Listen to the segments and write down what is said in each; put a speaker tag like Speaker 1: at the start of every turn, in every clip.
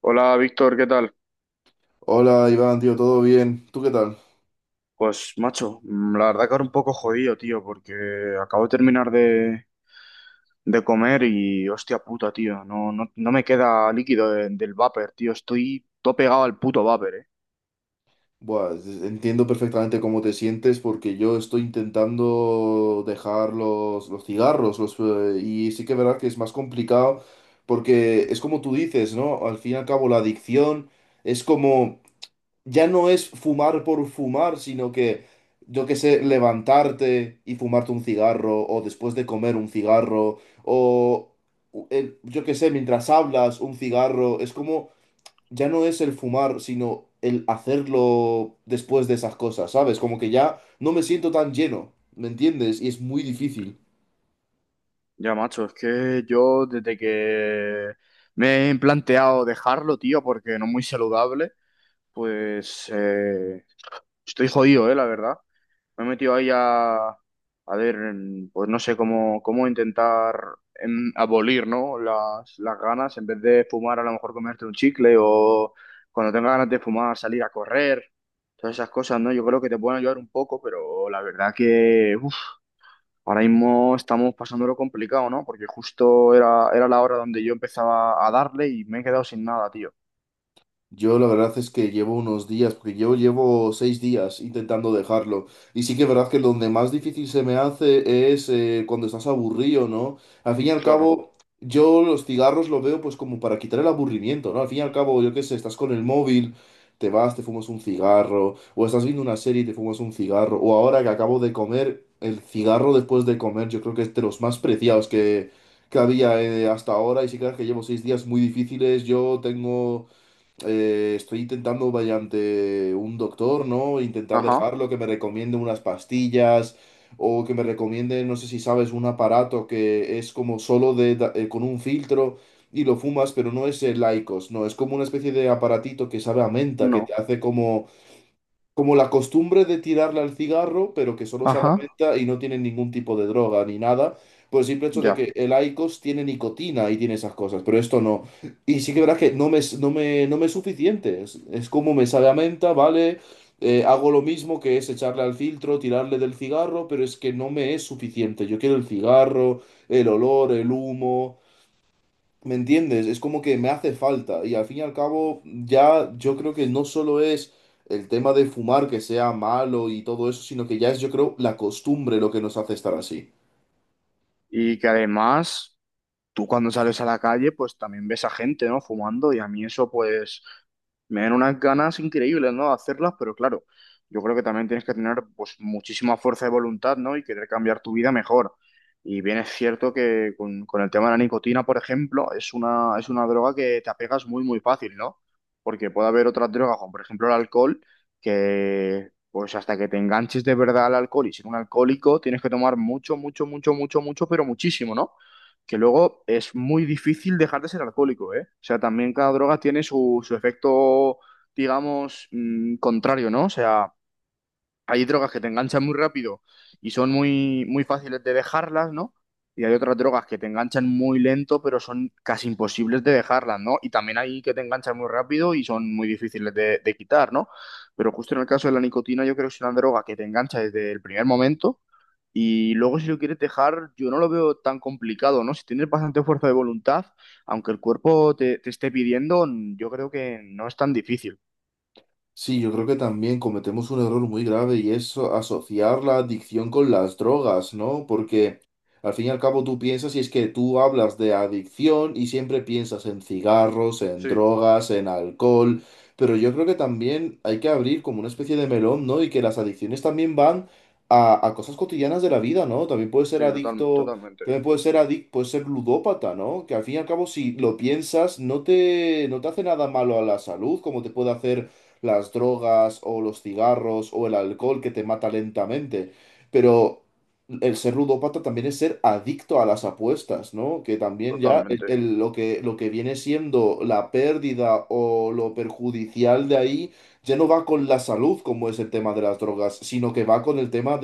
Speaker 1: Hola, Víctor, ¿qué tal?
Speaker 2: Hola Iván, tío, ¿todo bien? ¿Tú qué tal?
Speaker 1: Pues macho, la verdad que ahora un poco jodido, tío, porque acabo de terminar de comer y hostia puta, tío, no me queda líquido del vapor, tío, estoy todo pegado al puto vapor, eh.
Speaker 2: Buah, entiendo perfectamente cómo te sientes porque yo estoy intentando dejar los cigarros y sí que es verdad que es más complicado porque es como tú dices, ¿no? Al fin y al cabo la adicción es como, ya no es fumar por fumar, sino que, yo qué sé, levantarte y fumarte un cigarro o después de comer un cigarro o, yo qué sé, mientras hablas un cigarro, es como ya no es el fumar, sino el hacerlo después de esas cosas, ¿sabes? Como que ya no me siento tan lleno, ¿me entiendes? Y es muy difícil.
Speaker 1: Ya macho, es que yo desde que me he planteado dejarlo, tío, porque no es muy saludable, pues estoy jodido, la verdad. Me he metido ahí a ver, pues no sé cómo intentar abolir, ¿no?, las ganas, en vez de fumar, a lo mejor comerte un chicle o cuando tengas ganas de fumar, salir a correr, todas esas cosas, ¿no? Yo creo que te pueden ayudar un poco, pero la verdad que uf, ahora mismo estamos pasándolo complicado, ¿no? Porque justo era la hora donde yo empezaba a darle y me he quedado sin nada, tío.
Speaker 2: Yo la verdad es que llevo unos días, porque yo llevo seis días intentando dejarlo. Y sí que es verdad que donde más difícil se me hace es cuando estás aburrido, ¿no? Al fin y al
Speaker 1: Claro.
Speaker 2: cabo, yo los cigarros los veo pues como para quitar el aburrimiento, ¿no? Al fin y al cabo, yo qué sé, estás con el móvil, te vas, te fumas un cigarro, o estás viendo una serie y te fumas un cigarro, o ahora que acabo de comer, el cigarro después de comer, yo creo que es de los más preciados que había hasta ahora. Y sí que es verdad que llevo seis días muy difíciles, yo tengo estoy intentando mediante un doctor, ¿no? Intentar
Speaker 1: Ajá,
Speaker 2: dejarlo, que me recomiende unas pastillas o que me recomiende, no sé si sabes, un aparato que es como solo con un filtro y lo fumas, pero no es el IQOS, no, es como una especie de aparatito que sabe a menta, que te
Speaker 1: no.
Speaker 2: hace como como la costumbre de tirarle al cigarro, pero que solo sabe a
Speaker 1: Ajá,
Speaker 2: menta y no tiene ningún tipo de droga ni nada, por el simple hecho de
Speaker 1: ya.
Speaker 2: que el IQOS tiene nicotina y tiene esas cosas, pero esto no. Y sí que verás que no me es suficiente, es como me sabe a menta, ¿vale? Hago lo mismo que es echarle al filtro, tirarle del cigarro, pero es que no me es suficiente. Yo quiero el cigarro, el olor, el humo. ¿Me entiendes? Es como que me hace falta. Y al fin y al cabo, ya yo creo que no solo es el tema de fumar que sea malo y todo eso, sino que ya es, yo creo, la costumbre lo que nos hace estar así.
Speaker 1: Y que además, tú cuando sales a la calle, pues también ves a gente, ¿no?, fumando, y a mí eso pues me dan unas ganas increíbles, ¿no?, de hacerlas. Pero claro, yo creo que también tienes que tener pues muchísima fuerza de voluntad, ¿no?, y querer cambiar tu vida mejor. Y bien es cierto que con el tema de la nicotina, por ejemplo, es es una droga que te apegas muy, muy fácil, ¿no? Porque puede haber otras drogas, como por ejemplo el alcohol, que pues hasta que te enganches de verdad al alcohol y ser un alcohólico, tienes que tomar mucho, mucho, mucho, mucho, mucho, pero muchísimo, ¿no? Que luego es muy difícil dejar de ser alcohólico, ¿eh? O sea, también cada droga tiene su efecto, digamos, contrario, ¿no? O sea, hay drogas que te enganchan muy rápido y son muy, muy fáciles de dejarlas, ¿no? Y hay otras drogas que te enganchan muy lento, pero son casi imposibles de dejarlas, ¿no? Y también hay que te enganchan muy rápido y son muy difíciles de quitar, ¿no? Pero justo en el caso de la nicotina, yo creo que es una droga que te engancha desde el primer momento y luego si lo quieres dejar, yo no lo veo tan complicado, ¿no? Si tienes bastante fuerza de voluntad, aunque el cuerpo te esté pidiendo, yo creo que no es tan difícil.
Speaker 2: Sí, yo creo que también cometemos un error muy grave y es asociar la adicción con las drogas, ¿no? Porque al fin y al cabo tú piensas y es que tú hablas de adicción y siempre piensas en cigarros, en
Speaker 1: Sí,
Speaker 2: drogas, en alcohol, pero yo creo que también hay que abrir como una especie de melón, ¿no? Y que las adicciones también van a cosas cotidianas de la vida, ¿no? También puedes ser
Speaker 1: sí,
Speaker 2: adicto,
Speaker 1: totalmente,
Speaker 2: también puedes ser adicto, puedes ser ludópata, ¿no? Que al fin y al cabo si lo piensas no te hace nada malo a la salud, como te puede hacer las drogas o los cigarros o el alcohol que te mata lentamente, pero el ser ludópata también es ser adicto a las apuestas, ¿no? Que también ya
Speaker 1: totalmente.
Speaker 2: lo lo que viene siendo la pérdida o lo perjudicial de ahí ya no va con la salud, como es el tema de las drogas, sino que va con el tema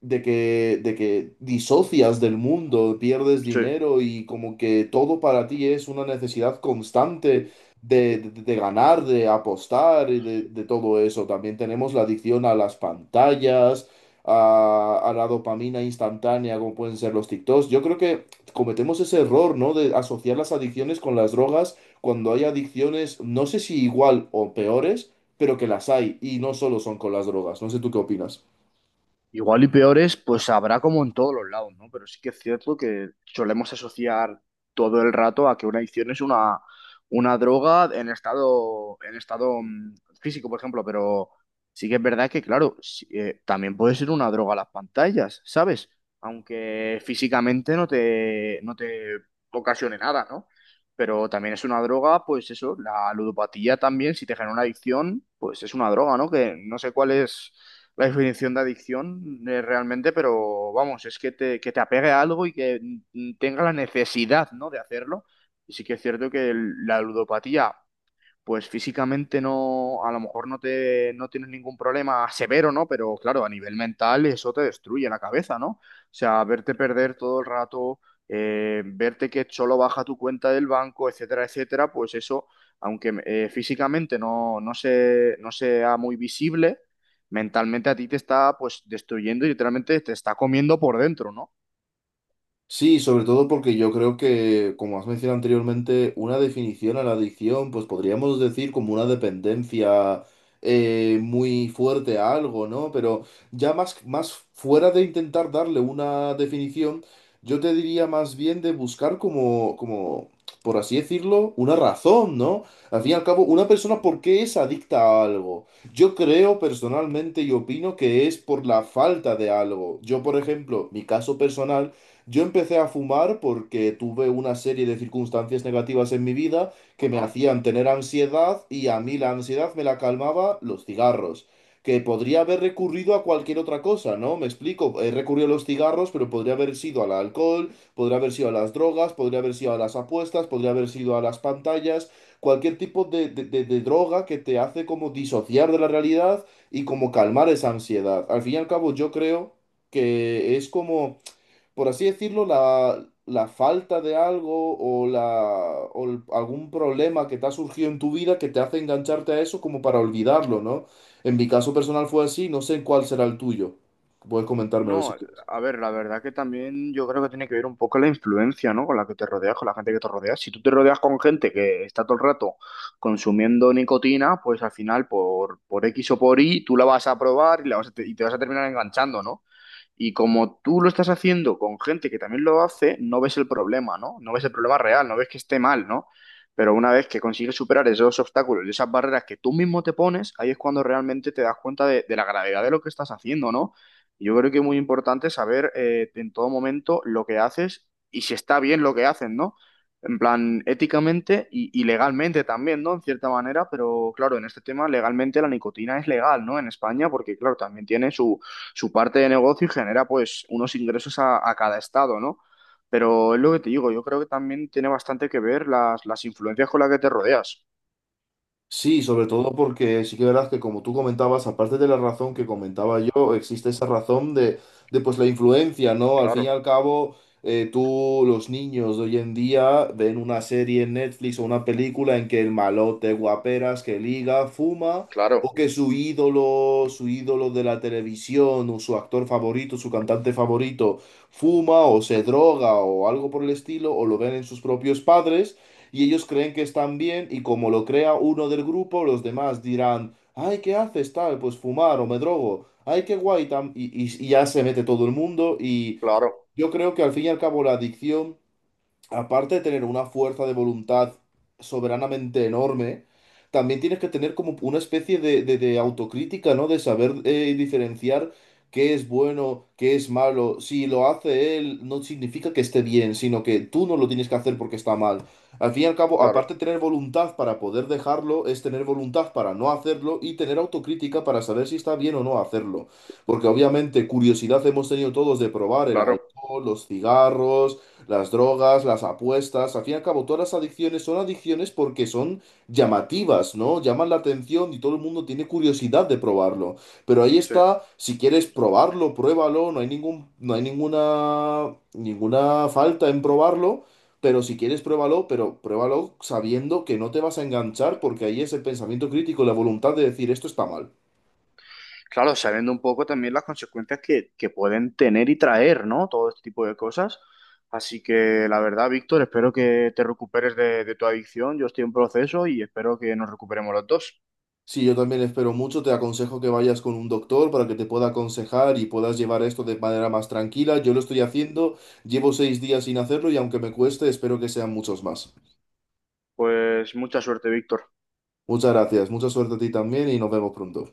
Speaker 2: de que disocias del mundo, pierdes
Speaker 1: Sí.
Speaker 2: dinero y como que todo para ti es una necesidad constante de ganar, de apostar y de todo eso. También tenemos la adicción a las pantallas, a la dopamina instantánea, como pueden ser los TikToks. Yo creo que cometemos ese error, ¿no? De asociar las adicciones con las drogas cuando hay adicciones, no sé si igual o peores, pero que las hay y no solo son con las drogas. No sé tú qué opinas.
Speaker 1: Igual y peores, pues habrá como en todos los lados, ¿no? Pero sí que es cierto que solemos asociar todo el rato a que una adicción es una droga en estado físico, por ejemplo. Pero sí que es verdad que, claro, sí, también puede ser una droga las pantallas, ¿sabes? Aunque físicamente no te ocasione nada, ¿no? Pero también es una droga, pues eso, la ludopatía también, si te genera una adicción, pues es una droga, ¿no? Que no sé cuál es la definición de adicción, realmente, pero vamos, es que que te apegue a algo y que tenga la necesidad, ¿no?, de hacerlo. Y sí que es cierto que la ludopatía pues físicamente no, a lo mejor no tienes ningún problema severo, ¿no? Pero claro, a nivel mental eso te destruye la cabeza, ¿no? O sea, verte perder todo el rato, verte que solo baja tu cuenta del banco, etcétera, etcétera, pues eso, aunque físicamente no sea muy visible, mentalmente a ti te está pues destruyendo y literalmente te está comiendo por dentro, ¿no?
Speaker 2: Sí, sobre todo porque yo creo que, como has mencionado anteriormente, una definición a la adicción, pues podríamos decir como una dependencia muy fuerte a algo, ¿no? Pero ya más fuera de intentar darle una definición, yo te diría más bien de buscar como, por así decirlo, una razón, ¿no? Al fin y al cabo, una persona, ¿por qué es adicta a algo? Yo creo personalmente y opino que es por la falta de algo. Yo, por ejemplo, mi caso personal yo empecé a fumar porque tuve una serie de circunstancias negativas en mi vida que me
Speaker 1: Ajá.
Speaker 2: hacían tener ansiedad y a mí la ansiedad me la calmaba los cigarros, que podría haber recurrido a cualquier otra cosa, ¿no? Me explico, he recurrido a los cigarros, pero podría haber sido al alcohol, podría haber sido a las drogas, podría haber sido a las apuestas, podría haber sido a las pantallas, cualquier tipo de, de droga que te hace como disociar de la realidad y como calmar esa ansiedad. Al fin y al cabo, yo creo que es como por así decirlo, la falta de algo o algún problema que te ha surgido en tu vida que te hace engancharte a eso como para olvidarlo, ¿no? En mi caso personal fue así, no sé cuál será el tuyo. Puedes comentármelo si
Speaker 1: No,
Speaker 2: quieres.
Speaker 1: a ver, la verdad que también yo creo que tiene que ver un poco la influencia, ¿no? Con la que te rodeas, con la gente que te rodeas. Si tú te rodeas con gente que está todo el rato consumiendo nicotina, pues al final por X o por Y tú la vas a probar y la vas y te vas a terminar enganchando, ¿no? Y como tú lo estás haciendo con gente que también lo hace, no ves el problema, ¿no? No ves el problema real, no ves que esté mal, ¿no? Pero una vez que consigues superar esos obstáculos y esas barreras que tú mismo te pones, ahí es cuando realmente te das cuenta de la gravedad de lo que estás haciendo, ¿no? Y yo creo que es muy importante saber, en todo momento lo que haces y si está bien lo que hacen, ¿no? En plan, éticamente y legalmente también, ¿no?, en cierta manera. Pero claro, en este tema legalmente la nicotina es legal, ¿no?, en España, porque claro, también tiene su parte de negocio y genera pues unos ingresos a cada estado, ¿no? Pero es lo que te digo, yo creo que también tiene bastante que ver las influencias con las que te rodeas.
Speaker 2: Sí, sobre todo porque sí que verás que como tú comentabas, aparte de la razón que comentaba yo, existe esa razón de pues la influencia, ¿no? Al fin y
Speaker 1: Claro,
Speaker 2: al cabo, tú, los niños de hoy en día ven una serie en Netflix o una película en que el malote, guaperas, que liga, fuma,
Speaker 1: claro,
Speaker 2: o que su ídolo de la televisión, o su actor favorito, su cantante favorito, fuma o se droga o algo por el estilo, o lo ven en sus propios padres. Y ellos creen que están bien y como lo crea uno del grupo, los demás dirán, ay, ¿qué haces tal? Pues fumar o me drogo, ay, qué guay, tam-". Y ya se mete todo el mundo y
Speaker 1: claro,
Speaker 2: yo creo que al fin y al cabo la adicción aparte de tener una fuerza de voluntad soberanamente enorme, también tienes que tener como una especie de, de autocrítica, ¿no? De saber diferenciar qué es bueno, qué es malo. Si lo hace él, no significa que esté bien, sino que tú no lo tienes que hacer porque está mal. Al fin y al cabo, aparte
Speaker 1: claro,
Speaker 2: de tener voluntad para poder dejarlo, es tener voluntad para no hacerlo y tener autocrítica para saber si está bien o no hacerlo. Porque obviamente curiosidad hemos tenido todos de probar el
Speaker 1: claro.
Speaker 2: alcohol, los cigarros las drogas, las apuestas, al fin y al cabo, todas las adicciones son adicciones porque son llamativas, ¿no? Llaman la atención y todo el mundo tiene curiosidad de probarlo. Pero ahí
Speaker 1: Sí.
Speaker 2: está, si quieres probarlo, pruébalo, no hay ningún, no hay ninguna, ninguna falta en probarlo. Pero si quieres, pruébalo, pero pruébalo sabiendo que no te vas a enganchar porque ahí es el pensamiento crítico, la voluntad de decir esto está mal.
Speaker 1: Claro, sabiendo un poco también las consecuencias que pueden tener y traer, ¿no?, todo este tipo de cosas. Así que la verdad, Víctor, espero que te recuperes de tu adicción. Yo estoy en proceso y espero que nos recuperemos los dos.
Speaker 2: Sí, yo también espero mucho. Te aconsejo que vayas con un doctor para que te pueda aconsejar y puedas llevar esto de manera más tranquila. Yo lo estoy haciendo, llevo seis días sin hacerlo y aunque me cueste, espero que sean muchos más.
Speaker 1: Pues mucha suerte, Víctor.
Speaker 2: Muchas gracias, mucha suerte a ti también y nos vemos pronto.